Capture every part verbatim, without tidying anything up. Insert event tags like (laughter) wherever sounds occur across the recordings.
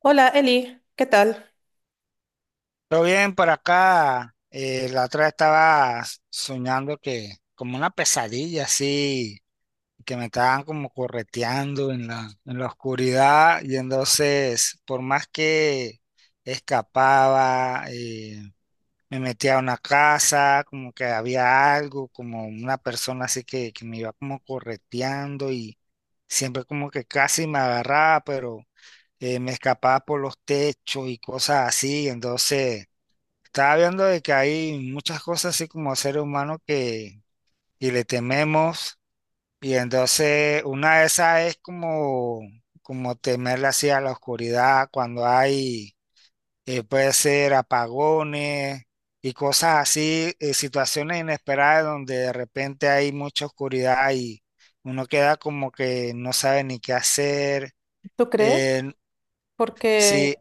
Hola Eli, ¿qué tal? Todo bien por acá. Eh, la otra vez estaba soñando que, como una pesadilla así, que me estaban como correteando en la, en la oscuridad. Y entonces, por más que escapaba, eh, me metía a una casa, como que había algo, como una persona así que, que me iba como correteando y siempre como que casi me agarraba, pero eh, me escapaba por los techos y cosas así. Entonces. Estaba viendo de que hay muchas cosas así como ser humano que, que le tememos, y entonces una de esas es como, como temerle así a la oscuridad cuando hay, eh, puede ser apagones y cosas así, eh, situaciones inesperadas donde de repente hay mucha oscuridad y uno queda como que no sabe ni qué hacer. ¿Tú crees? Eh, Porque sí,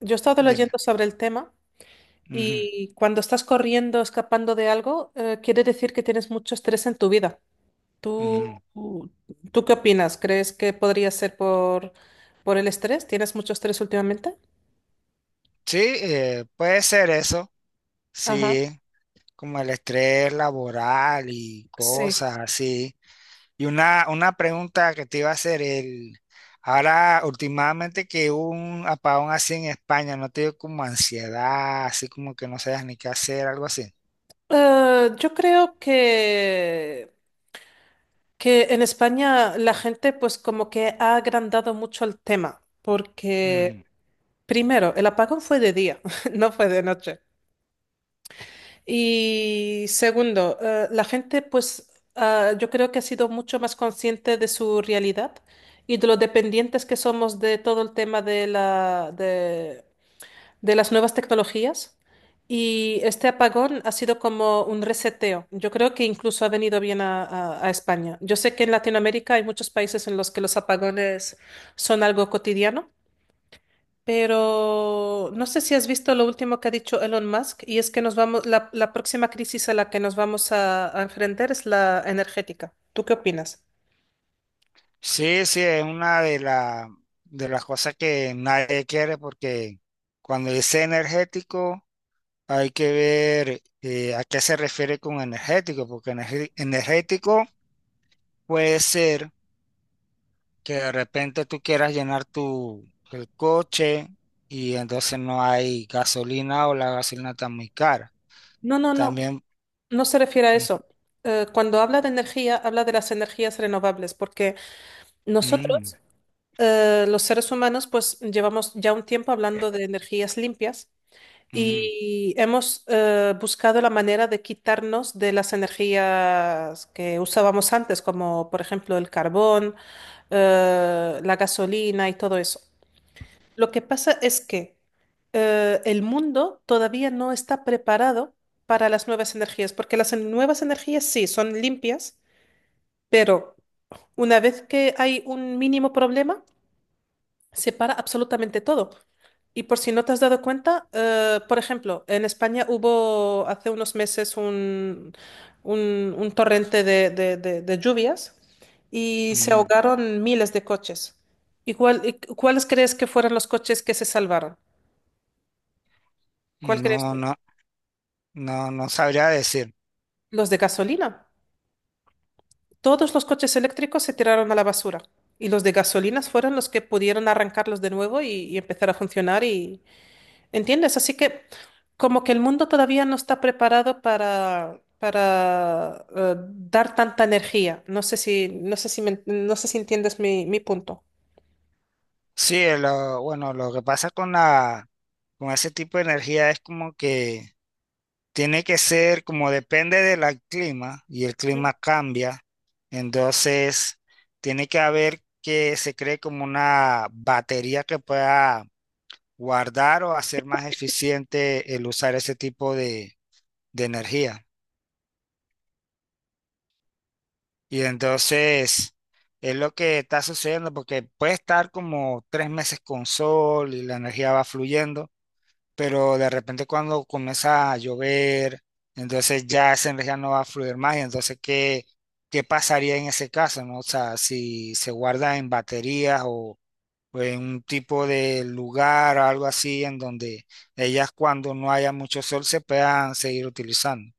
yo he estado dime. leyendo sobre el tema Ujú, y cuando estás corriendo, escapando de algo, eh, quiere decir que tienes mucho estrés en tu vida. ujú. ¿Tú, tú qué opinas? ¿Crees que podría ser por, por el estrés? ¿Tienes mucho estrés últimamente? Sí, eh, puede ser eso, Ajá, sí. Como el estrés laboral y sí. cosas así. Y una, una pregunta que te iba a hacer, el, ahora últimamente que hubo un apagón así en España, ¿no te dio como ansiedad, así como que no sabes ni qué hacer, algo así? Eh, yo creo que, que en España la gente pues como que ha agrandado mucho el tema porque... Ujú. Primero, el apagón fue de día, (laughs) no fue de noche. Y segundo, eh, la gente, pues, ah, yo creo que ha sido mucho más consciente de su realidad y de lo dependientes que somos de todo el tema de la, de, de las nuevas tecnologías. Y este apagón ha sido como un reseteo. Yo creo que incluso ha venido bien a, a a España. Yo sé que en Latinoamérica hay muchos países en los que los apagones son algo cotidiano. Pero no sé si has visto lo último que ha dicho Elon Musk, y es que nos vamos, la, la próxima crisis a la que nos vamos a, a enfrentar es la energética. ¿Tú qué opinas? Sí, sí, es una de, la, de las cosas que nadie quiere, porque cuando dice energético hay que ver, eh, a qué se refiere con energético, porque energe- energético puede ser que de repente tú quieras llenar tu el coche y entonces no hay gasolina o la gasolina está muy cara. No, no, no, También. no se refiere a Mm. eso. Eh, cuando habla de energía, habla de las energías renovables, porque Mm. nosotros, eh, los seres humanos, pues llevamos ya un tiempo hablando de energías limpias Mm. y hemos eh, buscado la manera de quitarnos de las energías que usábamos antes, como por ejemplo el carbón, eh, la gasolina y todo eso. Lo que pasa es que eh, el mundo todavía no está preparado para las nuevas energías, porque las en- nuevas energías sí son limpias, pero una vez que hay un mínimo problema, separa absolutamente todo. Y por si no te has dado cuenta, eh, por ejemplo, en España hubo hace unos meses un, un- un torrente de, de- de- de lluvias y se Mm. ahogaron miles de coches. ¿Y cuál- y cu- cuáles crees que fueron los coches que se salvaron? ¿Cuál crees No, tú? no, no. No sabría decir. Los de gasolina. Todos los coches eléctricos se tiraron a la basura y los de gasolinas fueron los que pudieron arrancarlos de nuevo y, y empezar a funcionar. ¿Entiendes? Así que como que el mundo todavía no está preparado para, para eh, dar tanta energía. No sé si, no sé si me- no sé si entiendes mi, mi punto. Sí, lo, bueno, lo que pasa con la, con ese tipo de energía es como que tiene que ser, como depende del clima y el clima cambia, entonces tiene que haber que se cree como una batería que pueda guardar o hacer más eficiente el usar ese tipo de, de energía. Y entonces es lo que está sucediendo porque puede estar como tres meses con sol y la energía va fluyendo, pero de repente cuando comienza a llover, entonces ya esa energía no va a fluir más. Y entonces, ¿qué, qué pasaría en ese caso, no? O sea, si se guarda en baterías o, pues, un tipo de lugar o algo así en donde ellas cuando no haya mucho sol se puedan seguir utilizando.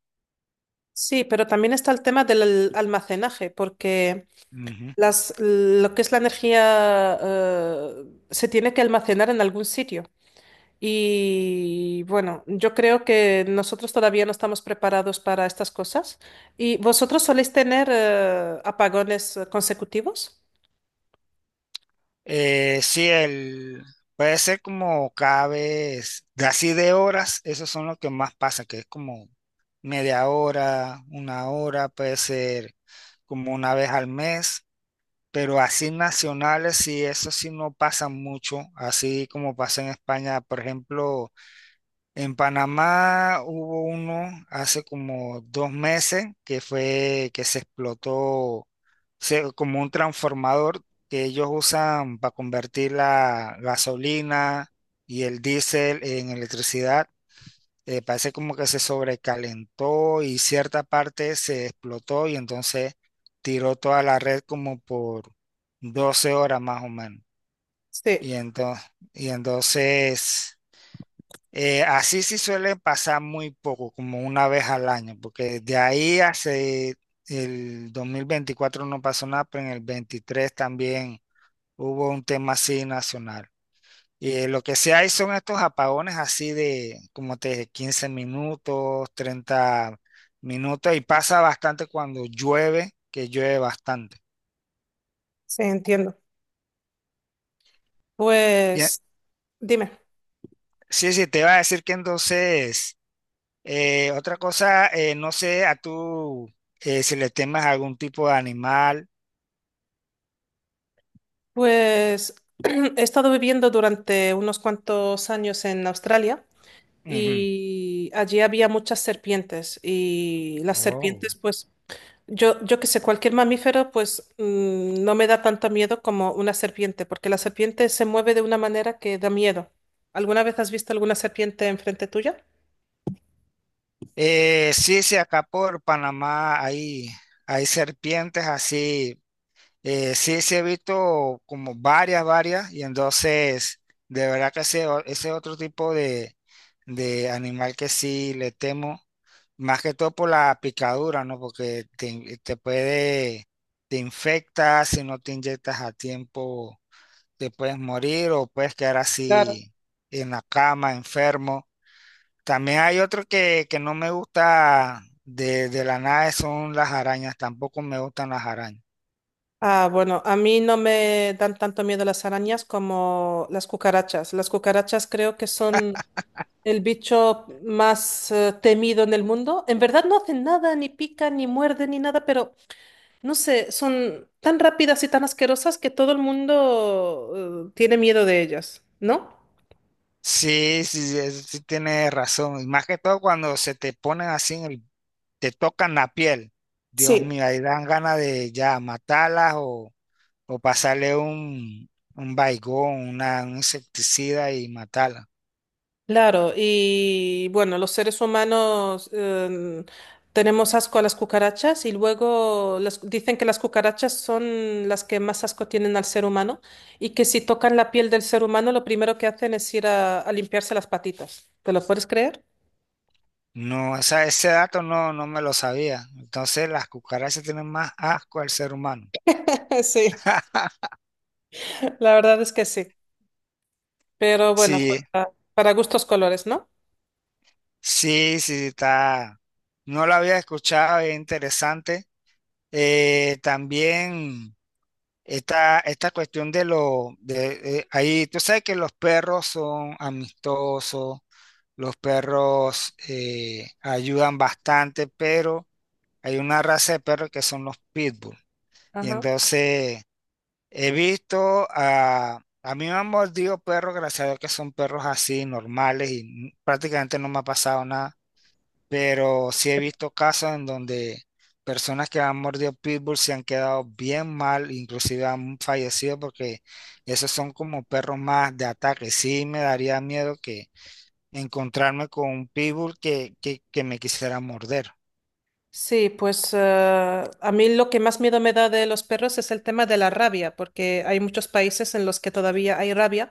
Sí, pero también está el tema del al- almacenaje, porque Ujú. las, lo que es la energía eh, se tiene que almacenar en algún sitio. Y bueno, yo creo que nosotros todavía no estamos preparados para estas cosas. ¿Y vosotros soléis tener eh, apagones eh, consecutivos? Eh, sí, el, puede ser como cada vez, de así de horas, esos son los que más pasa, que es como media hora, una hora, puede ser como una vez al mes, pero así nacionales, sí, eso sí no pasa mucho, así como pasa en España, por ejemplo. En Panamá hubo uno hace como dos meses que fue que se explotó, se- como un transformador que ellos usan para convertir la gasolina y el diésel en electricidad. Eh, parece como que se sobrecalentó y cierta parte se explotó y entonces tiró toda la red como por doce horas más o menos. Sí, Y entonces, y entonces eh, así sí suelen pasar muy poco, como una vez al año, porque de ahí hace el dos mil veinticuatro no pasó nada, pero en el veintitrés también hubo un tema así nacional. Y eh, lo que sí hay son estos apagones así de, como te dije, quince minutos, treinta minutos, y pasa bastante cuando llueve, que llueve bastante. sí, entiendo. Y, eh, Pues, dime, sí, sí, te iba a decir que entonces. Eh, otra cosa, eh, no sé a tú, eh, si le temas a algún tipo de animal. pues (clears throat) he estado viviendo durante unos cuantos años en Australia Ujú. y allí había muchas serpientes y las Wow. serpientes, pues, yo, yo que sé, cualquier mamífero, pues, mm, no me da tanto miedo como una serpiente, porque la serpiente se mueve de una manera que da miedo. ¿Alguna vez has visto alguna serpiente enfrente tuya? Eh, sí, sí, acá por Panamá hay, hay serpientes así. Eh, sí, sí he visto como varias, varias. Y entonces, de verdad que ese, o- ese otro tipo de, de animal que sí le temo, más que todo por la picadura, ¿no? Porque te, in- te puede, te infecta si no te inyectas a tiempo, te puedes morir o puedes quedar Claro. así en la cama, enfermo. También hay otro que, que no me gusta de, de la nada, son las arañas. Tampoco me gustan las arañas. Ah, bueno, a mí no me dan tanto miedo las arañas como las cucarachas. Las cucarachas creo que son el bicho más eh, temido en el mundo. En verdad no hacen nada, ni pican, ni muerden, ni nada, pero no sé, son tan rápidas y tan asquerosas que todo el mundo eh, tiene miedo de ellas, ¿no? Sí, sí, sí, es- sí, tienes razón. Y más que todo cuando se te ponen así, en el- te tocan la piel. Dios Sí, mío, ahí dan ganas de ya matarlas, o, o pasarle un, un baigón, una, un insecticida y matarlas. claro, y bueno, los seres humanos em, tenemos asco a las cucarachas y luego las- dicen que las cucarachas son las que más asco tienen al ser humano y que si tocan la piel del ser humano lo primero que hacen es ir a, a limpiarse las patitas. ¿Te lo puedes creer? No, o sea, ese dato no, no me lo sabía. Entonces las cucarachas tienen más asco al ser humano. (laughs) sí. La verdad es que sí, pero bueno, Sí, para, para gustos colores, ¿no? sí, sí, está. No lo había escuchado, es interesante. Eh, también, esta, esta cuestión de lo, de, eh, ahí, tú sabes que los perros son amistosos, los perros eh, ayudan bastante, pero hay una raza de perros que son los pitbull. Y Ajá. entonces... He visto a... A mí me han mordido perros, gracias a Dios que son perros así, normales, y n- prácticamente no me ha pasado nada. Pero sí he visto casos en donde personas que han mordido pitbull se han quedado bien mal, inclusive han fallecido porque esos son como perros más de ataque. Sí me daría miedo que encontrarme con un pitbull que, que, que me quisiera morder. Sí, pues eh, a mí lo que más miedo me da de los perros es el tema de la rabia, porque hay muchos países en los que todavía hay rabia,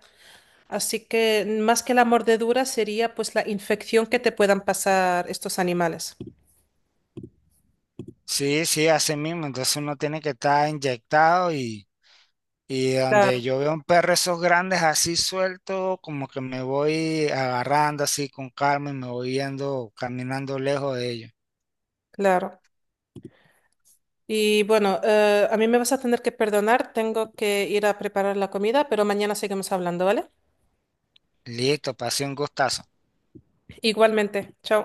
así que más que la mordedura sería pues la infección que te puedan pasar estos animales. Sí, sí, así mismo. Entonces uno tiene que estar inyectado. Y donde Claro. yo veo un perro esos grandes así suelto, como que me voy agarrando así con calma y me voy yendo caminando lejos de ellos. Claro. Y bueno, eh, a mí me vas a tener que perdonar, tengo que ir a preparar la comida, pero mañana seguimos hablando, ¿vale? Listo, pasé un gustazo. Igualmente, chao.